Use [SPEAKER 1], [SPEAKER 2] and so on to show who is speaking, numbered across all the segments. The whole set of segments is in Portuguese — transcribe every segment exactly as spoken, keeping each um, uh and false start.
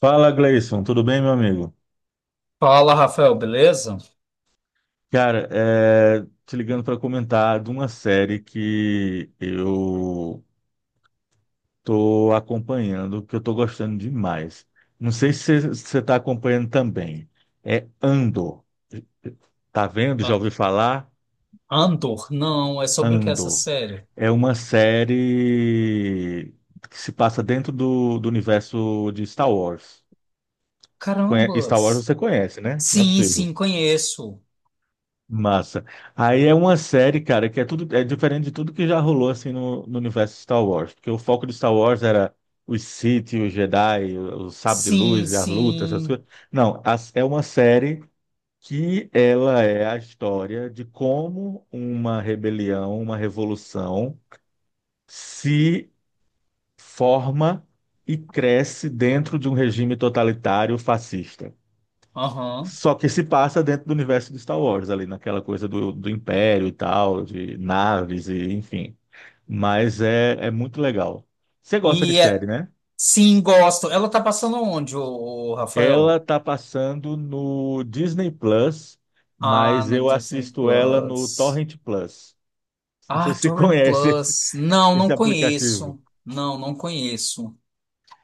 [SPEAKER 1] Fala, Gleison, tudo bem, meu amigo?
[SPEAKER 2] Fala, Rafael, beleza?
[SPEAKER 1] Cara, é, te ligando para comentar de uma série que eu tô acompanhando, que eu tô gostando demais. Não sei se você está acompanhando também. É Andor. Tá vendo? Já
[SPEAKER 2] A-
[SPEAKER 1] ouviu falar?
[SPEAKER 2] Andor? Não, é sobre o que é essa
[SPEAKER 1] Andor.
[SPEAKER 2] série?
[SPEAKER 1] É uma série que se passa dentro do, do universo de Star Wars. Conhe- Star Wars
[SPEAKER 2] Carambas!
[SPEAKER 1] você conhece, né? Não é
[SPEAKER 2] Sim,
[SPEAKER 1] possível.
[SPEAKER 2] sim, conheço.
[SPEAKER 1] Massa. Aí é uma série, cara, que é tudo é diferente de tudo que já rolou assim no, no universo de Star Wars, porque o foco de Star Wars era os Sith, os Jedi, o, o sabre de
[SPEAKER 2] Sim,
[SPEAKER 1] luz, a luta, essas
[SPEAKER 2] sim.
[SPEAKER 1] coisas. Não, a- é uma série que ela é a história de como uma rebelião, uma revolução se forma e cresce dentro de um regime totalitário fascista.
[SPEAKER 2] Aham.
[SPEAKER 1] Só que se passa dentro do universo de Star Wars, ali naquela coisa do, do Império e tal, de naves e enfim. Mas é, é muito legal. Você gosta de
[SPEAKER 2] E é-
[SPEAKER 1] série, né?
[SPEAKER 2] sim, gosto. Ela tá passando onde, o,
[SPEAKER 1] Ela
[SPEAKER 2] Rafael?
[SPEAKER 1] tá passando no Disney Plus,
[SPEAKER 2] Ah,
[SPEAKER 1] mas
[SPEAKER 2] no
[SPEAKER 1] eu
[SPEAKER 2] Disney
[SPEAKER 1] assisto ela no
[SPEAKER 2] Plus.
[SPEAKER 1] Torrent Plus. Não sei
[SPEAKER 2] Ah,
[SPEAKER 1] se você
[SPEAKER 2] Torrent
[SPEAKER 1] conhece esse,
[SPEAKER 2] Plus. Não,
[SPEAKER 1] esse
[SPEAKER 2] não
[SPEAKER 1] aplicativo.
[SPEAKER 2] conheço. Não, não conheço.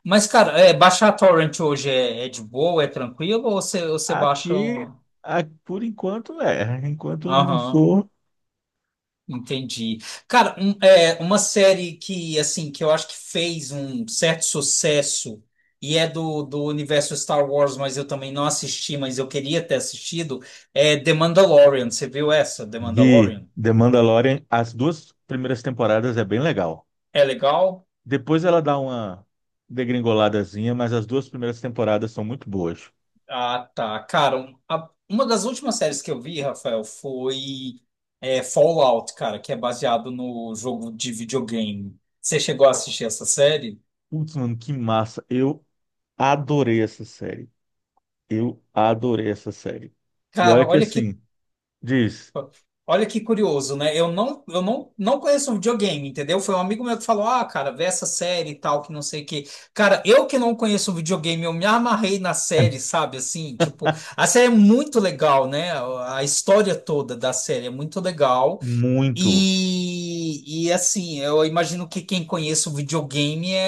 [SPEAKER 2] Mas, cara, é, baixar Torrent hoje é, é de boa, é tranquilo? Ou você, ou você baixa.
[SPEAKER 1] Aqui,
[SPEAKER 2] um-
[SPEAKER 1] a- por enquanto, é. Enquanto não
[SPEAKER 2] Aham.
[SPEAKER 1] for,
[SPEAKER 2] Entendi. Cara, um- é, uma série que, assim, que eu acho que fez um certo sucesso e é do, do universo Star Wars, mas eu também não assisti, mas eu queria ter assistido, é The Mandalorian. Você viu essa, The
[SPEAKER 1] vi
[SPEAKER 2] Mandalorian?
[SPEAKER 1] The Mandalorian. As duas primeiras temporadas é bem legal.
[SPEAKER 2] É legal?
[SPEAKER 1] Depois ela dá uma degringoladazinha, mas as duas primeiras temporadas são muito boas.
[SPEAKER 2] Ah, tá. Cara, um- a- uma das últimas séries que eu vi, Rafael, foi é, Fallout, cara, que é baseado no jogo de videogame. Você chegou a assistir essa série?
[SPEAKER 1] Putz, mano, que massa. Eu adorei essa série. Eu adorei essa série. E
[SPEAKER 2] Cara,
[SPEAKER 1] olha que
[SPEAKER 2] olha que
[SPEAKER 1] assim, diz,
[SPEAKER 2] Olha que curioso, né? Eu não, eu não, não conheço um videogame, entendeu? Foi um amigo meu que falou: "Ah, cara, vê essa série e tal, que não sei o quê." Cara, eu que não conheço um videogame, eu me amarrei na série, sabe? Assim, tipo, a série é muito legal, né? A história toda da série é muito legal.
[SPEAKER 1] muito.
[SPEAKER 2] E, e assim, eu imagino que quem conhece o videogame é,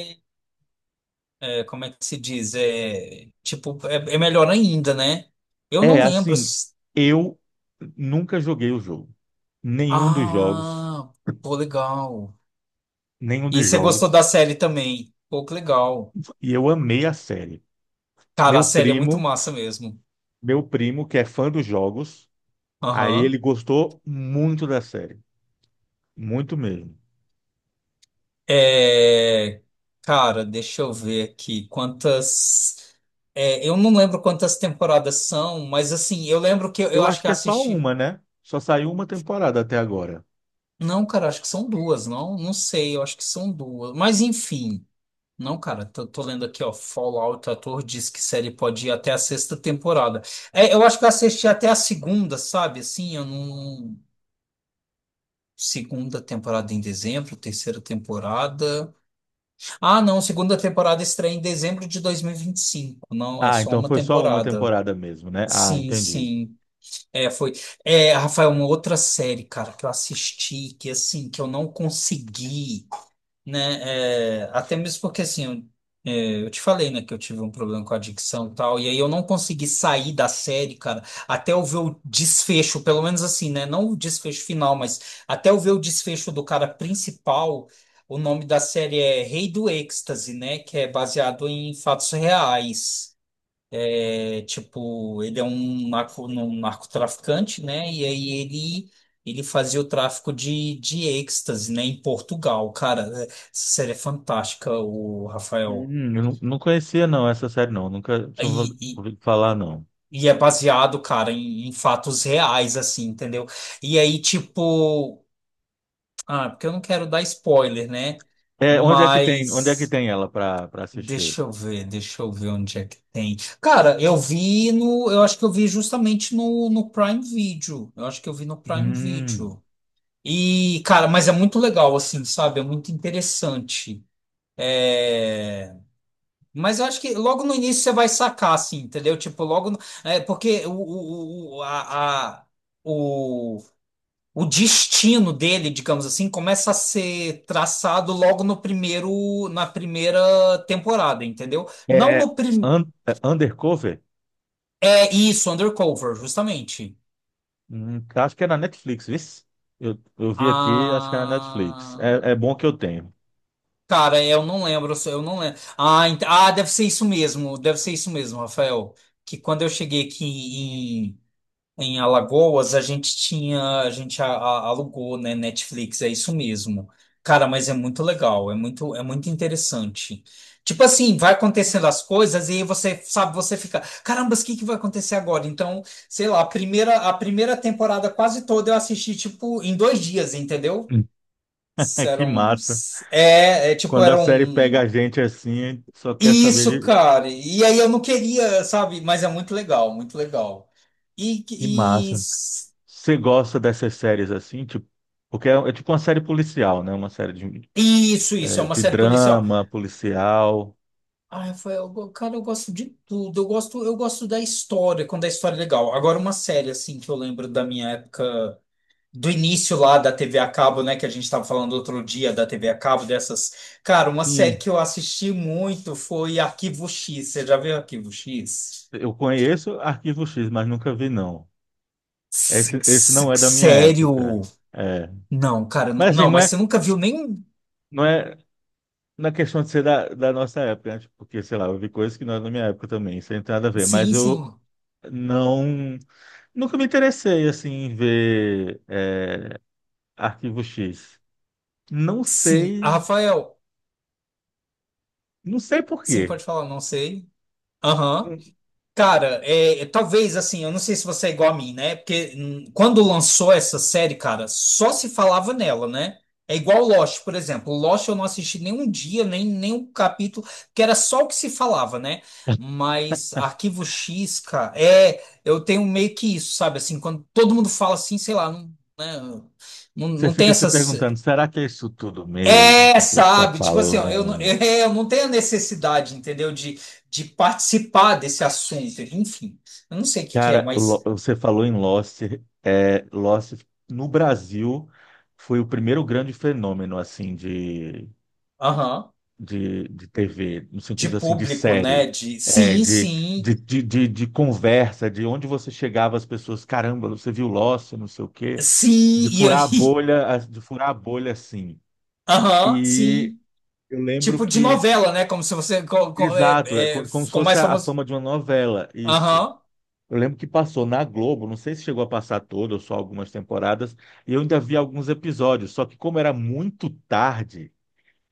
[SPEAKER 2] é- é- é, como é que se diz? É, tipo, é, é melhor ainda, né? Eu não
[SPEAKER 1] É,
[SPEAKER 2] lembro.
[SPEAKER 1] assim,
[SPEAKER 2] se-
[SPEAKER 1] eu nunca joguei o jogo. Nenhum dos jogos,
[SPEAKER 2] Ah, pô, legal.
[SPEAKER 1] nenhum
[SPEAKER 2] E
[SPEAKER 1] dos
[SPEAKER 2] você gostou da
[SPEAKER 1] jogos.
[SPEAKER 2] série também? Pô, que legal.
[SPEAKER 1] E eu amei a série.
[SPEAKER 2] Cara, a
[SPEAKER 1] Meu
[SPEAKER 2] série é muito
[SPEAKER 1] primo,
[SPEAKER 2] massa mesmo.
[SPEAKER 1] meu primo que é fã dos jogos, aí ele
[SPEAKER 2] Aham.
[SPEAKER 1] gostou muito da série, muito mesmo.
[SPEAKER 2] É, Cara, deixa eu ver aqui quantas. É, eu não lembro quantas temporadas são, mas assim, eu lembro que eu, eu
[SPEAKER 1] Eu
[SPEAKER 2] acho
[SPEAKER 1] acho
[SPEAKER 2] que
[SPEAKER 1] que é só
[SPEAKER 2] assisti.
[SPEAKER 1] uma, né? Só saiu uma temporada até agora.
[SPEAKER 2] Não, cara, acho que são duas, não? Não sei, eu acho que são duas. Mas enfim. Não, cara, tô, tô lendo aqui, ó. Fallout, o ator diz que série pode ir até a sexta temporada. É, eu acho que eu assisti até a segunda, sabe? Assim, eu não. Segunda temporada em dezembro, terceira temporada. Ah, não, segunda temporada estreia em dezembro de dois mil e e vinte e cinco. Não, é
[SPEAKER 1] Ah,
[SPEAKER 2] só
[SPEAKER 1] então
[SPEAKER 2] uma
[SPEAKER 1] foi só uma
[SPEAKER 2] temporada.
[SPEAKER 1] temporada mesmo, né? Ah,
[SPEAKER 2] Sim,
[SPEAKER 1] entendi.
[SPEAKER 2] sim. É, foi. É, Rafael, uma outra série, cara, que eu assisti, que assim, que eu não consegui né? É, até mesmo porque assim, eu, é, eu te falei, né, que eu tive um problema com adicção e tal, e aí eu não consegui sair da série, cara, até eu ver o desfecho, pelo menos assim, né? Não o desfecho final, mas até eu ver o desfecho do cara principal. O nome da série é Rei do Êxtase, né? Que é baseado em fatos reais. É, tipo, ele é um narco, um narcotraficante, né? E aí ele, ele fazia o tráfico de, de êxtase, né? Em Portugal. Cara, é- essa série é fantástica, o Rafael.
[SPEAKER 1] Hum, eu não, não conhecia não essa série não, nunca
[SPEAKER 2] E,
[SPEAKER 1] tinha ouvi-
[SPEAKER 2] e,
[SPEAKER 1] ouvido falar não.
[SPEAKER 2] e é baseado, cara, em, em fatos reais, assim, entendeu? E aí, tipo, ah, porque eu não quero dar spoiler, né?
[SPEAKER 1] É, onde é que tem, onde é que
[SPEAKER 2] Mas.
[SPEAKER 1] tem ela para para assistir?
[SPEAKER 2] Deixa eu ver, deixa eu ver onde é que tem. Cara, eu vi no, eu acho que eu vi justamente no, no Prime Video. Eu acho que eu vi no Prime
[SPEAKER 1] Hum,
[SPEAKER 2] Video. E, cara, mas é muito legal, assim, sabe? É muito interessante. É... Mas eu acho que logo no início você vai sacar, assim, entendeu? Tipo, logo. no- É, porque o, o, o, a, a- o- o destino dele, digamos assim, começa a ser traçado logo no primeiro, na primeira temporada, entendeu? Não
[SPEAKER 1] é
[SPEAKER 2] no prim...
[SPEAKER 1] un, é Undercover?
[SPEAKER 2] É isso, Undercover, justamente.
[SPEAKER 1] Hum, acho que é na Netflix, viu? Eu, eu vi aqui, acho que é na Netflix. É, é
[SPEAKER 2] Ah,
[SPEAKER 1] bom que eu tenho.
[SPEAKER 2] cara, eu não lembro, eu não lembro. Ah, ent- ah, deve ser isso mesmo, deve ser isso mesmo, Rafael. Que quando eu cheguei aqui Em Alagoas, a gente tinha, a gente a- a- alugou, né, Netflix, é isso mesmo. Cara, mas é muito legal, é muito, é muito interessante. Tipo assim, vai acontecendo as coisas e aí você, sabe, você fica, caramba, o que que vai acontecer agora? Então, sei lá, a primeira, a primeira temporada quase toda eu assisti, tipo, em dois dias, entendeu?
[SPEAKER 1] Que
[SPEAKER 2] Eram,
[SPEAKER 1] massa.
[SPEAKER 2] é, é, tipo,
[SPEAKER 1] Quando a
[SPEAKER 2] eram,
[SPEAKER 1] série pega a gente assim, só quer saber
[SPEAKER 2] Isso,
[SPEAKER 1] de...
[SPEAKER 2] cara. E aí eu não queria, sabe, mas é muito legal, muito legal. E,
[SPEAKER 1] Que
[SPEAKER 2] e
[SPEAKER 1] massa. Você gosta dessas séries assim, tipo, porque é, é tipo uma série policial, né? Uma série de,
[SPEAKER 2] Isso, isso, é
[SPEAKER 1] é,
[SPEAKER 2] uma
[SPEAKER 1] de
[SPEAKER 2] série policial.
[SPEAKER 1] drama policial.
[SPEAKER 2] Ah, foi, eu cara, eu gosto de tudo. Eu gosto, eu gosto da história, quando a história é legal. Agora, uma série, assim, que eu lembro da minha época, do início lá da T V a cabo, né, que a gente estava falando outro dia da T V a cabo, dessas. Cara, uma série
[SPEAKER 1] Sim.
[SPEAKER 2] que eu assisti muito foi Arquivo X. Você já viu Arquivo X?
[SPEAKER 1] Eu conheço Arquivo X, mas nunca vi, não.
[SPEAKER 2] S-
[SPEAKER 1] Esse, esse
[SPEAKER 2] s-
[SPEAKER 1] não é da minha época.
[SPEAKER 2] Sério?
[SPEAKER 1] É.
[SPEAKER 2] Não, cara, n-
[SPEAKER 1] Mas assim,
[SPEAKER 2] não,
[SPEAKER 1] não
[SPEAKER 2] mas
[SPEAKER 1] é,
[SPEAKER 2] você nunca viu nem.
[SPEAKER 1] não é na questão de ser da, da nossa época, né? Tipo, porque, sei lá, eu vi coisas que não é da minha época também, isso aí não tem nada a ver. Mas
[SPEAKER 2] Sim,
[SPEAKER 1] eu
[SPEAKER 2] sim,
[SPEAKER 1] não, nunca me interessei assim em ver é, Arquivo X. Não
[SPEAKER 2] sim. Ah,
[SPEAKER 1] sei,
[SPEAKER 2] Rafael,
[SPEAKER 1] não sei por
[SPEAKER 2] sim,
[SPEAKER 1] quê.
[SPEAKER 2] pode falar, não sei. Aham. Cara, é, é, talvez assim, eu não sei se você é igual a mim, né? Porque hum, quando lançou essa série, cara, só se falava nela, né? É igual Lost, por exemplo. Lost eu não assisti nenhum dia, nem nenhum capítulo, que era só o que se falava, né? Mas Arquivo X, cara, é, eu tenho meio que isso, sabe? Assim, quando todo mundo fala assim, sei lá, não, né? Não,
[SPEAKER 1] Você
[SPEAKER 2] não tem
[SPEAKER 1] fica se
[SPEAKER 2] essas.
[SPEAKER 1] perguntando, será que é isso tudo mesmo
[SPEAKER 2] É,
[SPEAKER 1] que o povo está
[SPEAKER 2] sabe? Tipo assim, ó, eu, não-
[SPEAKER 1] falando?
[SPEAKER 2] eu não tenho a necessidade, entendeu? De, de participar desse assunto. Enfim, eu não sei o que que é,
[SPEAKER 1] Cara, Lo-
[SPEAKER 2] mas.
[SPEAKER 1] você falou em Lost, é, Lost no Brasil foi o primeiro grande fenômeno assim de,
[SPEAKER 2] Aham,
[SPEAKER 1] de, de T V, no
[SPEAKER 2] de
[SPEAKER 1] sentido assim de
[SPEAKER 2] público, né?
[SPEAKER 1] série,
[SPEAKER 2] De
[SPEAKER 1] é,
[SPEAKER 2] sim,
[SPEAKER 1] de,
[SPEAKER 2] sim.
[SPEAKER 1] de, de, de, de conversa, de onde você chegava as pessoas, caramba, você viu Lost, não sei o quê,
[SPEAKER 2] Sim,
[SPEAKER 1] de
[SPEAKER 2] e
[SPEAKER 1] furar a
[SPEAKER 2] aí,
[SPEAKER 1] bolha, de furar a bolha assim.
[SPEAKER 2] aham,
[SPEAKER 1] E
[SPEAKER 2] sim.
[SPEAKER 1] eu lembro
[SPEAKER 2] Tipo de
[SPEAKER 1] que
[SPEAKER 2] novela, né? Como se você co- co- é,
[SPEAKER 1] exato, é
[SPEAKER 2] é,
[SPEAKER 1] co- como se
[SPEAKER 2] ficou
[SPEAKER 1] fosse
[SPEAKER 2] mais
[SPEAKER 1] a a
[SPEAKER 2] famoso.
[SPEAKER 1] fama de uma novela, isso.
[SPEAKER 2] Aham.
[SPEAKER 1] Eu lembro que passou na Globo, não sei se chegou a passar toda ou só algumas temporadas, e eu ainda vi alguns episódios, só que como era muito tarde,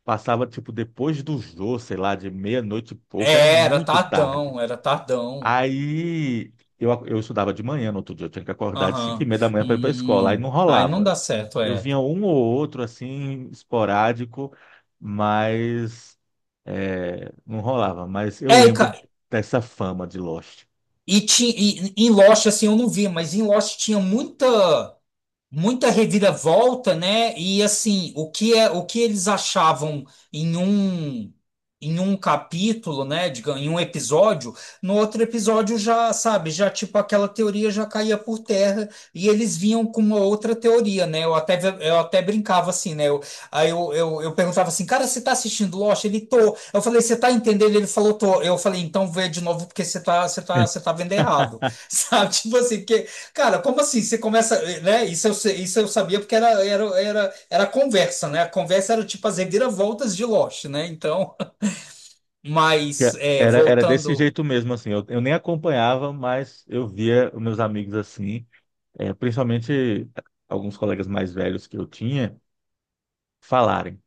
[SPEAKER 1] passava tipo depois do Jô, sei lá, de meia-noite e pouco, era
[SPEAKER 2] É, era
[SPEAKER 1] muito tarde.
[SPEAKER 2] Tardão, era Tardão.
[SPEAKER 1] Aí eu, ac- eu estudava de manhã, no outro dia eu tinha que acordar de cinco e
[SPEAKER 2] Aham.
[SPEAKER 1] meia da manhã para ir para a escola, aí
[SPEAKER 2] Hum.
[SPEAKER 1] não
[SPEAKER 2] Aí não
[SPEAKER 1] rolava.
[SPEAKER 2] dá certo,
[SPEAKER 1] Eu
[SPEAKER 2] é.
[SPEAKER 1] vinha um ou outro, assim, esporádico, mas é, não rolava. Mas eu
[SPEAKER 2] É,
[SPEAKER 1] lembro dessa fama de Lost.
[SPEAKER 2] E, ti, e em Lost, assim, eu não vi, mas em Lost tinha muita muita reviravolta, né? E assim, o que é, o que eles achavam em um em um capítulo, né, digamos, em um episódio, no outro episódio já, sabe, já tipo aquela teoria já caía por terra e eles vinham com uma outra teoria, né? Eu até eu até brincava assim, né? Eu, aí eu, eu, eu perguntava assim: "Cara, você tá assistindo Lost?" Ele tô. Eu falei: "Você tá entendendo?" Ele falou: "Tô." Eu falei: "Então vê de novo porque você tá você tá você tá vendo errado." Sabe? Tipo assim, que Cara, como assim? Você começa, eh, né? Isso eu, sei- isso eu sabia porque era, era, era, era conversa, né? A conversa era tipo as reviravoltas de Lost, né? Então, mas
[SPEAKER 1] Que
[SPEAKER 2] é,
[SPEAKER 1] era, era desse
[SPEAKER 2] voltando.
[SPEAKER 1] jeito mesmo, assim. Eu, eu nem acompanhava, mas eu via os meus amigos assim, é, principalmente alguns colegas mais velhos que eu tinha, falarem: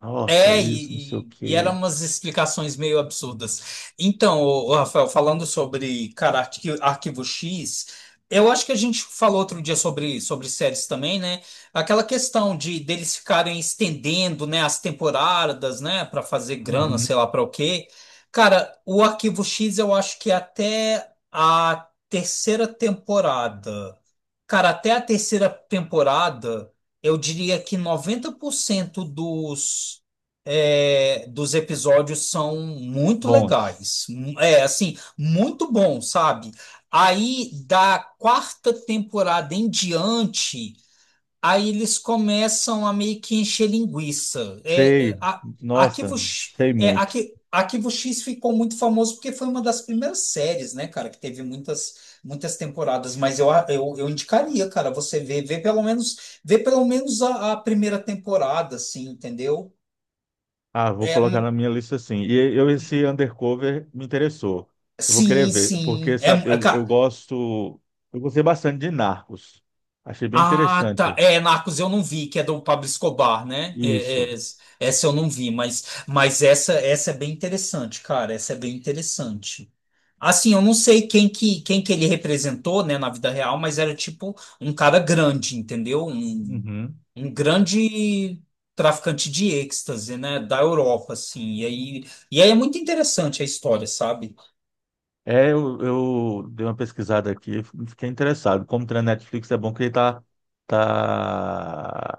[SPEAKER 1] nossa,
[SPEAKER 2] É,
[SPEAKER 1] isso, não sei
[SPEAKER 2] e,
[SPEAKER 1] o
[SPEAKER 2] e- e eram
[SPEAKER 1] quê.
[SPEAKER 2] umas explicações meio absurdas. Então, ô- ô, Rafael, falando sobre, cara, Arqui- Arquivo X, eu acho que a gente falou outro dia sobre, sobre séries também, né? Aquela questão de deles ficarem estendendo, né, as temporadas, né, para fazer grana,
[SPEAKER 1] Uhum.
[SPEAKER 2] sei lá para o quê. Cara, o Arquivo X eu acho que até a terceira temporada. Cara, até a terceira temporada, eu diria que noventa por cento dos é, dos episódios são muito
[SPEAKER 1] Bons.
[SPEAKER 2] legais. É, assim, muito bom, sabe? Aí, da quarta temporada em diante, aí eles começam a meio que encher linguiça. É, é,
[SPEAKER 1] Sei.
[SPEAKER 2] a,
[SPEAKER 1] Nossa,
[SPEAKER 2] Arquivo, X-
[SPEAKER 1] sei
[SPEAKER 2] é,
[SPEAKER 1] muito.
[SPEAKER 2] Arqui- Arquivo X ficou muito famoso porque foi uma das primeiras séries, né, cara, que teve muitas. Muitas temporadas, mas eu, eu, eu indicaria, cara, você ver, ver pelo menos, ver pelo menos a, a primeira temporada, assim, entendeu?
[SPEAKER 1] Ah, vou
[SPEAKER 2] É,
[SPEAKER 1] colocar na minha lista sim. E eu esse Undercover me interessou. Eu vou querer
[SPEAKER 2] Sim,
[SPEAKER 1] ver, porque
[SPEAKER 2] sim. É,
[SPEAKER 1] sabe,
[SPEAKER 2] é,
[SPEAKER 1] eu, eu
[SPEAKER 2] ca-
[SPEAKER 1] gosto, eu gostei bastante de Narcos. Achei bem
[SPEAKER 2] ah, tá.
[SPEAKER 1] interessante
[SPEAKER 2] É, Narcos eu não vi, que é do Pablo Escobar, né?
[SPEAKER 1] isso.
[SPEAKER 2] É, é, essa eu não vi, mas, mas essa, essa é bem interessante, cara. Essa é bem interessante. Assim, eu não sei quem que, quem que ele representou, né, na vida real, mas era tipo um cara grande, entendeu? Um,
[SPEAKER 1] Uhum.
[SPEAKER 2] um grande traficante de êxtase, né, da Europa, assim. E aí, e aí é muito interessante a história, sabe?
[SPEAKER 1] É, eu, eu dei uma pesquisada aqui, fiquei interessado. Como tem na Netflix, é bom que ele tá, tá,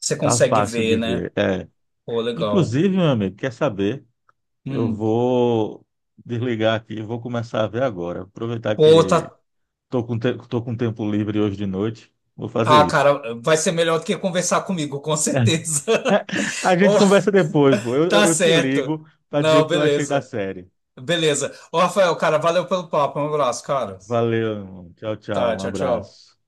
[SPEAKER 2] Você
[SPEAKER 1] tá
[SPEAKER 2] consegue
[SPEAKER 1] fácil de
[SPEAKER 2] ver, né?
[SPEAKER 1] ver. É.
[SPEAKER 2] Pô, legal.
[SPEAKER 1] Inclusive, meu amigo, quer saber? Eu
[SPEAKER 2] Hum.
[SPEAKER 1] vou desligar aqui, e vou começar a ver agora. Aproveitar
[SPEAKER 2] Pô, tá.
[SPEAKER 1] que Tô com, te- tô com tempo livre hoje de noite. Vou fazer
[SPEAKER 2] Ah,
[SPEAKER 1] isso.
[SPEAKER 2] cara, vai ser melhor do que conversar comigo, com certeza.
[SPEAKER 1] A gente
[SPEAKER 2] Oh,
[SPEAKER 1] conversa depois, pô. Eu, eu,
[SPEAKER 2] tá
[SPEAKER 1] eu te
[SPEAKER 2] certo.
[SPEAKER 1] ligo para dizer o
[SPEAKER 2] Não,
[SPEAKER 1] que eu achei da
[SPEAKER 2] beleza.
[SPEAKER 1] série.
[SPEAKER 2] Beleza. Ô, Rafael, cara, valeu pelo papo. Um abraço, cara.
[SPEAKER 1] Valeu, irmão. Tchau, tchau.
[SPEAKER 2] Tá,
[SPEAKER 1] Um
[SPEAKER 2] tchau, tchau.
[SPEAKER 1] abraço.